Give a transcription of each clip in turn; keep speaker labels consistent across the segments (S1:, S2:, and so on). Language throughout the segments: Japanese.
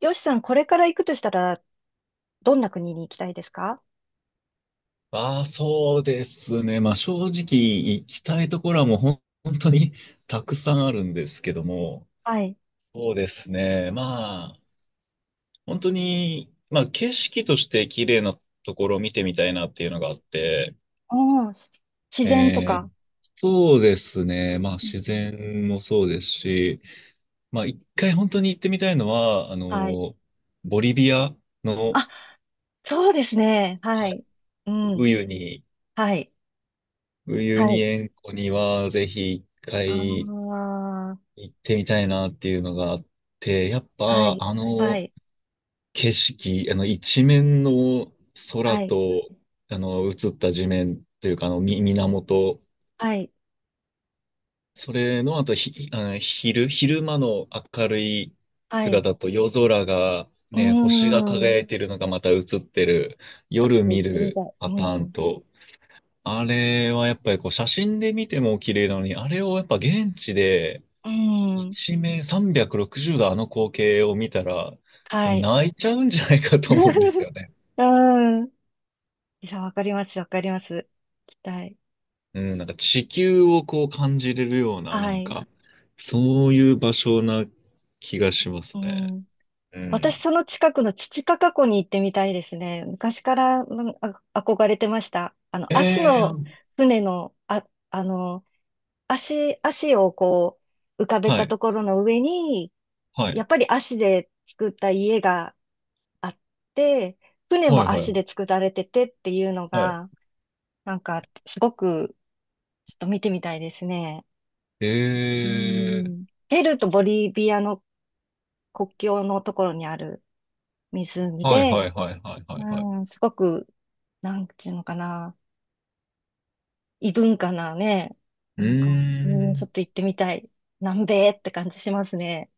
S1: よしさん、これから行くとしたら、どんな国に行きたいですか？
S2: ああ、そうですね。まあ正直行きたいところはもう本当にたくさんあるんですけども、
S1: はい。
S2: そうですね。まあ本当に、まあ景色として綺麗なところを見てみたいなっていうのがあって、
S1: おー、自然と
S2: えー
S1: か。
S2: そうですね。まあ
S1: うん
S2: 自
S1: うん。
S2: 然もそうですし、まあ一回本当に行ってみたいのは、
S1: はい。
S2: ボリビアの、
S1: あ、そうですね。は
S2: はい、
S1: い。う
S2: ウ
S1: ん。
S2: ユニ、
S1: はい。
S2: ウユ
S1: は
S2: ニ
S1: い。
S2: 塩湖にはぜひ一
S1: あ
S2: 回
S1: あ。
S2: 行ってみたいなっていうのがあって、やっ
S1: は
S2: ぱ、
S1: い。
S2: あ
S1: は
S2: の
S1: い。
S2: 景色、あの一面の空
S1: はい。
S2: と、あの映った地面というか、あのみ源、
S1: はい。
S2: それのあと、ひ、あの昼間の明るい
S1: はい。
S2: 姿と夜空が
S1: う
S2: ね、星が
S1: ーん。
S2: 輝いてるのがまた映ってる、
S1: ちょっ
S2: 夜
S1: と行
S2: 見
S1: ってみた
S2: る
S1: い。う
S2: パター
S1: ん。
S2: ン
S1: う
S2: と、あれはやっぱりこう写真で見ても綺麗なのに、あれをやっぱ現地で
S1: ーん。
S2: 一面360度あの光景を見たら、
S1: はい。
S2: 泣いちゃうんじゃないかと思うんです よね。
S1: うーん。いや、わかります。わかります。行きたい。
S2: うん、なんか地球をこう感じれるような、な
S1: は
S2: ん
S1: い。
S2: か、そういう場所な気がしま
S1: う
S2: すね。
S1: ん。
S2: う
S1: 私、
S2: ん。
S1: その近くのチチカカ湖に行ってみたいですね。昔からなんあ憧れてました。あの、
S2: え
S1: 足の
S2: ー、
S1: 船の、あ、あの、足をこう、浮かべ
S2: は
S1: た
S2: い、
S1: ところの上に、
S2: はい、
S1: やっぱり足で作った家があって、船
S2: はい、
S1: も
S2: は
S1: 足
S2: い、
S1: で作られててっていうの
S2: はい。
S1: が、なんか、すごく、ちょっと見てみたいですね。
S2: え
S1: う
S2: ー、
S1: ん。ペルーとボリビアの国境のところにある湖
S2: はいは
S1: で、
S2: いはいはいはいはい。
S1: うん、すごく、なんていうのかな、異文化なね、
S2: う
S1: なんか、
S2: ー
S1: うん、ちょっと
S2: ん、
S1: 行ってみたい。南米って感じしますね。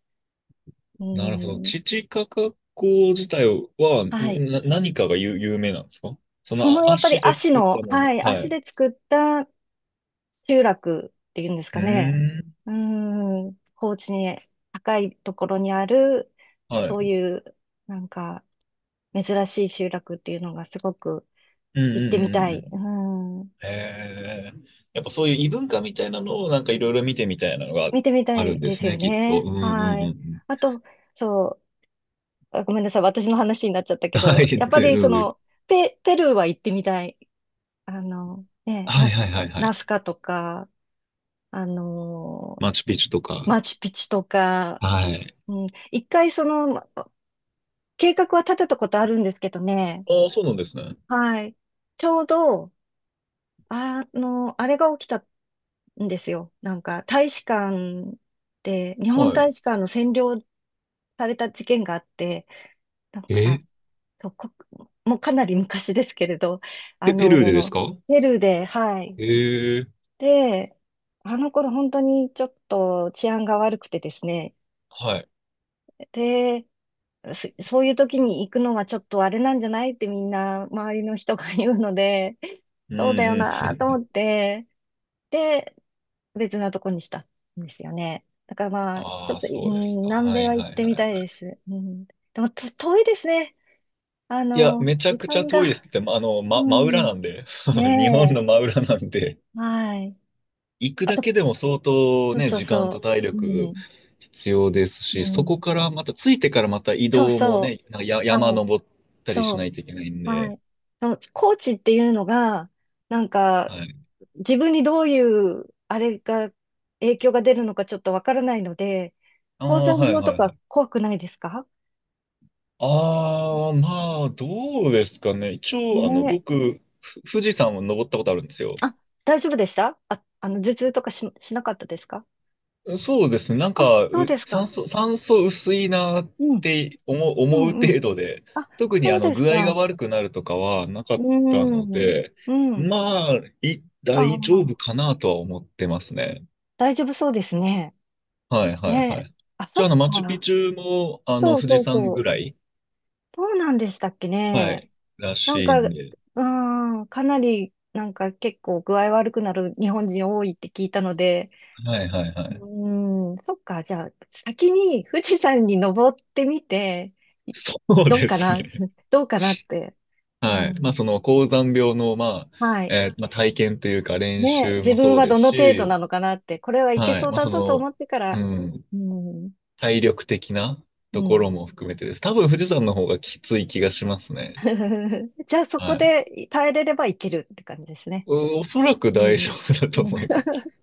S1: う
S2: なるほど。
S1: ん、
S2: チチカカ湖自体は、
S1: はい。
S2: 何かが有、有名なんですか？その
S1: そ
S2: あ
S1: のやっぱり
S2: 足で
S1: 足
S2: 作っ
S1: の、
S2: たもの。
S1: はい、
S2: は
S1: 足
S2: い。
S1: で作った集落っていうんです
S2: う
S1: かね。
S2: ーん。
S1: うん、高地に高いところにある、
S2: は
S1: そ
S2: い。
S1: ういう、なんか、珍しい集落っていうのがすごく
S2: うん
S1: 行っ
S2: う
S1: てみ
S2: んう
S1: た
S2: んう
S1: い。う
S2: ん。
S1: ん、
S2: へえ。やっぱそういう異文化みたいなのをなんかいろいろ見てみたいなのが
S1: 見てみた
S2: ある
S1: い
S2: んで
S1: で
S2: す
S1: すよ
S2: ね、きっと。う
S1: ね。
S2: んうんう
S1: は
S2: んう
S1: い。
S2: ん。
S1: あと、そう、あ、ごめんなさい、私の話になっちゃったけ
S2: はい。
S1: ど、やっぱ
S2: で、
S1: り
S2: ど
S1: そ
S2: うぞ。
S1: の、ペルーは行ってみたい。あの、ね、
S2: はいはいはいは
S1: ナ
S2: い。
S1: スカとか、あの、
S2: マチュピチュとか。
S1: マチュピチュとか、
S2: はい。
S1: うん、一回その、計画は立てたことあるんですけどね、
S2: ああ、そうなんですね。
S1: はい。ちょうど、あの、あれが起きたんですよ。なんか、大使館で、日本
S2: はい。
S1: 大使館の占領された事件があって、なん
S2: え、
S1: か、と、こ、もうかなり昔ですけれど、あ
S2: ペルーでです
S1: の、
S2: か？
S1: ペルーで、はい。
S2: ええ。
S1: で、あの頃本当にちょっと治安が悪くてですね。
S2: はい。
S1: で、そういう時に行くのはちょっとあれなんじゃないってみんな周りの人が言うので、
S2: うん
S1: そうだよ
S2: うん。
S1: なと思って、で、別なとこにしたんですよね。だからまあ、ちょ
S2: あ
S1: っ
S2: あ、
S1: と、う
S2: そうで
S1: ん、
S2: すか。
S1: 南
S2: は
S1: 米
S2: い
S1: は行
S2: は
S1: っ
S2: い
S1: て
S2: はい
S1: みたい
S2: はい。
S1: です。うん、でもと遠いですね。あ
S2: いや、
S1: の、
S2: めちゃ
S1: 時
S2: くちゃ
S1: 間
S2: 遠いです
S1: が。
S2: って、まあの、
S1: う
S2: ま、真裏な
S1: ん。
S2: んで。日本
S1: ね
S2: の
S1: え。
S2: 真裏なんで。
S1: はい。
S2: 行く
S1: あ
S2: だ
S1: と、
S2: けでも相当
S1: そう
S2: ね、
S1: そう
S2: 時間と
S1: そ
S2: 体
S1: う。う
S2: 力
S1: ん。
S2: 必要です
S1: う
S2: し、そこ
S1: ん。
S2: からまた、着いてからまた移
S1: そう
S2: 動も
S1: そ
S2: ね、なんかや、
S1: う。
S2: 山
S1: はい。
S2: 登ったり
S1: そ
S2: しないといけないん
S1: う。は
S2: で、
S1: い。そのコーチっていうのが、なんか、
S2: はい。
S1: 自分にどういう、あれが、影響が出るのかちょっとわからないので、
S2: あ
S1: 高
S2: あ、
S1: 山
S2: はい
S1: 病
S2: は
S1: と
S2: いは
S1: か
S2: い。
S1: 怖くないですか？
S2: ああ、まあ、どうですかね。一応、あの、
S1: ねえ。
S2: 僕、富士山を登ったことあるんですよ。
S1: あ、大丈夫でしたあ、あの、頭痛とかし、しなかったですか？
S2: そうですね。
S1: あ、そうですか。
S2: 酸素薄いなっ
S1: うん。
S2: て
S1: う
S2: 思う
S1: んう
S2: 程
S1: ん。
S2: 度で、
S1: あ、
S2: 特に
S1: そ
S2: あ
S1: う
S2: の
S1: です
S2: 具合が
S1: か。
S2: 悪くなるとかはなか
S1: う
S2: ったの
S1: ん。
S2: で、
S1: うん。
S2: まあ、
S1: あ
S2: 大丈夫
S1: あ。
S2: かなとは思ってますね。
S1: 大丈夫そうですね。
S2: はいはいは
S1: ね。
S2: い。
S1: あ、そ
S2: じゃあ、あ
S1: っ
S2: の、マチュピ
S1: か。
S2: チュも、あの、
S1: そう
S2: 富士
S1: そう
S2: 山
S1: そ
S2: ぐ
S1: う。
S2: らい、
S1: どうなんでしたっけ
S2: は
S1: ね。
S2: い、ら
S1: なん
S2: しい
S1: か、
S2: ん
S1: う
S2: で。
S1: ーん、かなり、なんか結構具合悪くなる日本人多いって聞いたので、
S2: はいはいは
S1: う
S2: い。
S1: ーん、そっか。じゃあ、先に富士山に登ってみて、い
S2: そう
S1: どう
S2: で
S1: か
S2: す
S1: な、
S2: ね。
S1: どうかなって。う
S2: はい。まあ、
S1: ん。
S2: その、高山病の、まあ、
S1: はい。
S2: まあ、体験というか練
S1: ね、
S2: 習
S1: 自
S2: も
S1: 分
S2: そう
S1: は
S2: で
S1: ど
S2: す
S1: の程度
S2: し、
S1: なのかなって、これはいけ
S2: はい。
S1: そう
S2: まあ、
S1: だ
S2: そ
S1: ぞと
S2: の、
S1: 思ってか
S2: う
S1: ら、
S2: ん、
S1: うん、
S2: 体力的な
S1: う
S2: とこ
S1: ん。
S2: ろも含めてです。多分富士山の方がきつい気がしますね。
S1: じゃあそこ
S2: はい。
S1: で耐えれればいけるって感じですね。
S2: お、おそらく
S1: う
S2: 大丈
S1: ん。
S2: 夫だ
S1: う
S2: と
S1: ん。
S2: 思います。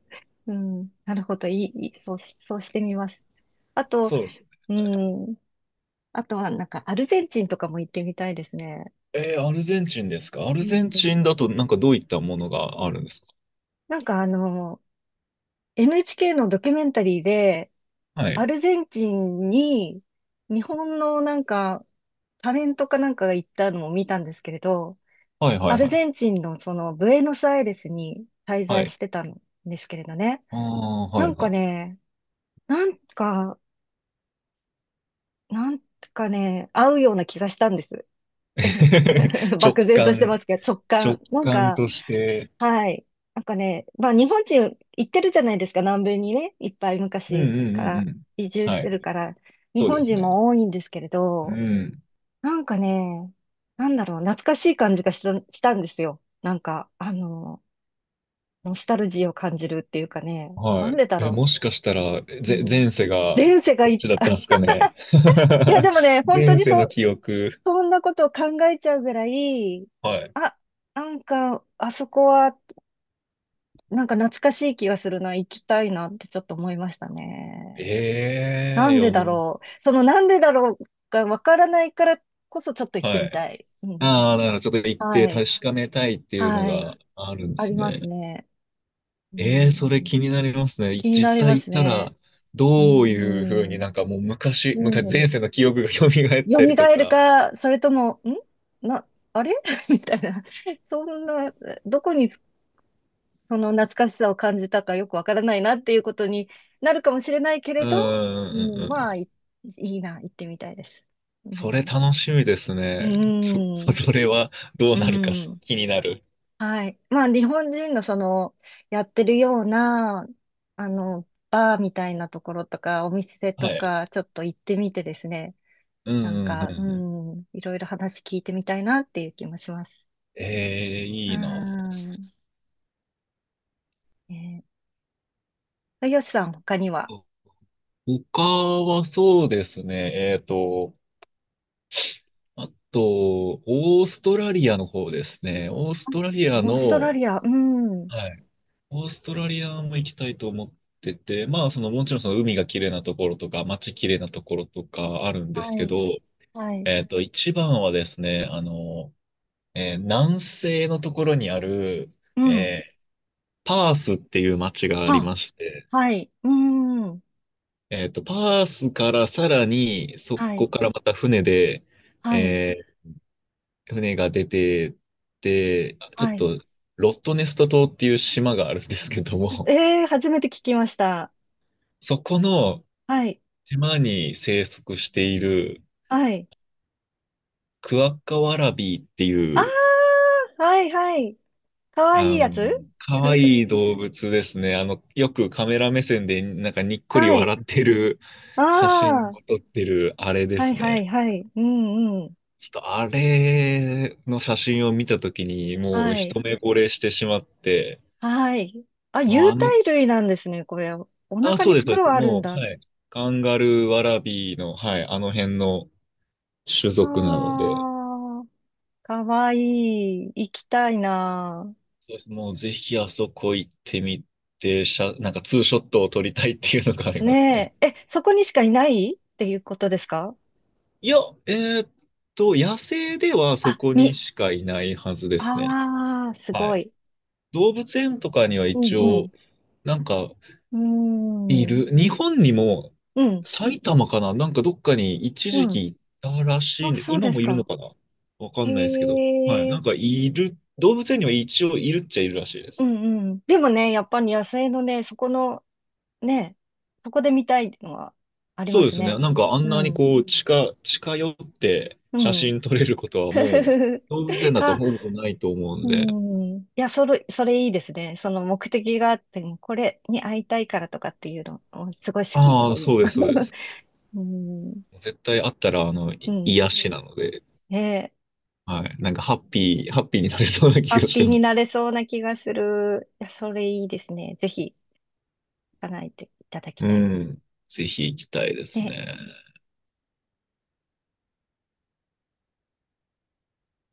S1: うんなるほど。いい。そうしてみます。あと、
S2: そうです。
S1: うん。あとはなんかアルゼンチンとかも行ってみたいですね。
S2: えーアルゼンチンですか？ア
S1: う
S2: ルゼンチン
S1: ん。
S2: だとなんかどういったものがあるんですか？
S1: なんかあの、NHK のドキュメンタリーで、
S2: は
S1: ア
S2: い。
S1: ルゼンチンに日本のなんかタレントかなんかが行ったのを見たんですけれど、
S2: はいは
S1: ア
S2: い
S1: ル
S2: はい。
S1: ゼンチンのそのブエノスアイレスに滞
S2: は
S1: 在
S2: い。
S1: してたんですけれどね。
S2: ああ、
S1: な
S2: はい
S1: ん
S2: は
S1: か
S2: い。
S1: ね、なんか、なんかね、合うような気がしたんです。
S2: 直
S1: 漠然として
S2: 感、
S1: ますけど、直
S2: 直
S1: 感。なん
S2: 感
S1: か、
S2: として。
S1: はい。なんかね、まあ日本人行ってるじゃないですか、南米にね、いっぱい
S2: うん
S1: 昔
S2: うん
S1: か
S2: うんう
S1: ら
S2: ん。
S1: 移住し
S2: は
S1: て
S2: い。
S1: るから、日
S2: そうで
S1: 本
S2: す
S1: 人
S2: ね。
S1: も多いんですけれ
S2: う
S1: ど、
S2: ん。
S1: なんかね、なんだろう、懐かしい感じがした、したんですよ。なんか、あの、ノスタルジーを感じるっていうかね、な
S2: は
S1: ん
S2: い。
S1: でだ
S2: え、
S1: ろ
S2: もしかしたら、
S1: う。うん。
S2: 前世が
S1: 前世が
S2: こ
S1: い
S2: っ
S1: っ
S2: ちだった
S1: た。
S2: んですかね。
S1: いや、でもね、本当
S2: 前
S1: に
S2: 世
S1: そ
S2: の
S1: う、
S2: 記憶。
S1: そんなことを考えちゃうぐらい、
S2: はい。
S1: あ、なんか、あそこは、なんか懐かしい気がするな、行きたいなってちょっと思いましたね。
S2: え
S1: な
S2: え、い
S1: ん
S2: や、
S1: で
S2: も
S1: だ
S2: う、
S1: ろう。そのなんでだろうがわからないからこそちょっと行って
S2: は
S1: み
S2: い。
S1: たい。うん。
S2: ああ、だからちょっと行って
S1: は
S2: 確
S1: い。
S2: かめたいっていうの
S1: はい。
S2: があるんで
S1: あ
S2: す
S1: ります
S2: ね。
S1: ね。う
S2: ええ、それ
S1: ん、
S2: 気になりますね。
S1: 気にな
S2: 実
S1: りま
S2: 際行っ
S1: す
S2: た
S1: ね。
S2: ら、
S1: う
S2: どういうふうに、
S1: ん。
S2: なんかもう
S1: う
S2: 昔、前
S1: ん。
S2: 世の記憶が蘇ったりと
S1: 蘇る
S2: か。
S1: か、それとも、んな、あれ みたいな。そんな、どこにその懐かしさを感じたかよくわからないなっていうことになるかもしれないけれ
S2: うんう
S1: ど、う
S2: んう
S1: ん、
S2: んう
S1: まあ、
S2: ん。
S1: いいな、行ってみたいです。う
S2: それ
S1: ん。
S2: 楽しみです
S1: う
S2: ね。ちょっ
S1: ん。
S2: とそれはどう
S1: う
S2: なるか
S1: ん。
S2: 気になる。
S1: はい。まあ、日本人のその、やってるような、あの、バーみたいなところとか、お店
S2: は
S1: と
S2: い。
S1: か、ちょっと行ってみてですね、
S2: うん
S1: なん
S2: うんうん
S1: か、
S2: う
S1: う
S2: ん。
S1: ん、いろいろ話聞いてみたいなっていう気もします。
S2: ええ、
S1: う
S2: いいな。
S1: ん。えー、よしさん、他には、
S2: 他はそうですね。えっと、あと、オーストラリアの方ですね。オーストラリ
S1: オ
S2: ア
S1: ーストラ
S2: の、
S1: リア、うん。
S2: はい。オーストラリアも行きたいと思ってて、まあ、その、もちろんその海が綺麗なところとか、街綺麗なところとかあるんで
S1: は
S2: すけ
S1: い。
S2: ど、
S1: はい。
S2: えっと、一番はですね、あの、えー南西のところにある、
S1: うん。
S2: えーパースっていう街があり
S1: は、
S2: まして、
S1: はい。うーん。
S2: えっと、パースからさらに、そ
S1: はい。
S2: こからまた船で、
S1: はい。
S2: えー船が出てって、ちょっ
S1: はい。
S2: と、ロストネスト島っていう島があるんですけども、
S1: えー、初めて聞きました。
S2: そこの
S1: はい。
S2: 島に生息している
S1: はい。
S2: クワッカワラビーって
S1: あ
S2: いう、
S1: ー、はい、はい。かわいい
S2: あ
S1: や
S2: の、
S1: つ。
S2: 可愛 い動物ですね。あの、よくカメラ目線でなんかにっこり
S1: は
S2: 笑
S1: い。
S2: ってる写真
S1: あー、
S2: を撮ってるあれで
S1: はい、
S2: す
S1: はい、
S2: ね。
S1: はい。うん、うん。
S2: ちょっとあれの写真を見たときに、もう
S1: はい。
S2: 一目惚れしてしまって、
S1: はい。あ、
S2: もう
S1: 有
S2: あ
S1: 袋
S2: の、
S1: 類なんですね、これ。お
S2: あ、
S1: 腹
S2: そ
S1: に
S2: うです、そうで
S1: 袋
S2: す。
S1: あるん
S2: もう、
S1: だ。
S2: はい。カンガルー、ワラビーの、はい、あの辺の種
S1: あ
S2: 族なので、
S1: ー、かわいい。行きたいな。
S2: そうです。もうぜひあそこ行ってみて、なんかツーショットを撮りたいっていうのがありますね。
S1: ねえ。え、そこにしかいないっていうことですか？
S2: いや、えーっと、野生ではそ
S1: あ、
S2: こに
S1: み、
S2: しかいないはずですね。
S1: ああ、す
S2: は
S1: ご
S2: い。
S1: い。
S2: 動物園とかには
S1: う
S2: 一応、
S1: ん
S2: なんか、
S1: う
S2: い
S1: ん。うーん。
S2: る。日本にも、
S1: うん。
S2: 埼玉かななんかどっかに一
S1: う
S2: 時
S1: ん。
S2: 期いたらし
S1: あ、
S2: いんです。
S1: そう
S2: 今
S1: です
S2: もいるの
S1: か。
S2: かな、わか
S1: へ
S2: んないですけど。はい。な
S1: え。
S2: んかいる、動物園には一応いるっちゃいるらしいで
S1: う
S2: す。
S1: んうん。でもね、やっぱり野生のね、そこの、ね、そこで見たいっていうのはあり
S2: そ
S1: ま
S2: うで
S1: す
S2: すね。
S1: ね。
S2: なんかあん
S1: う
S2: なに
S1: ん。
S2: こう近寄って
S1: う
S2: 写
S1: ん。
S2: 真撮れることはもう 動物園だと
S1: か、
S2: ほぼないと思うん
S1: う
S2: で。
S1: ん。いや、それいいですね。その目的があって、もうこれに会いたいからとかっていうの、すごい好き、
S2: あ
S1: そ
S2: あ、
S1: ういう
S2: そうです、そうです。
S1: の。
S2: 絶対あったらあの、
S1: うん。うん。
S2: 癒しなので、
S1: ねえ。
S2: はい。なんかハッピーになれそうな
S1: ハ
S2: 気
S1: ッ
S2: が
S1: ピ
S2: し
S1: ー
S2: ま
S1: にな
S2: す。
S1: れそうな気がする。いや、それいいですね。ぜひ、叶えていただき
S2: う
S1: たい。
S2: ん。ぜひ行きたいです
S1: ね
S2: ね。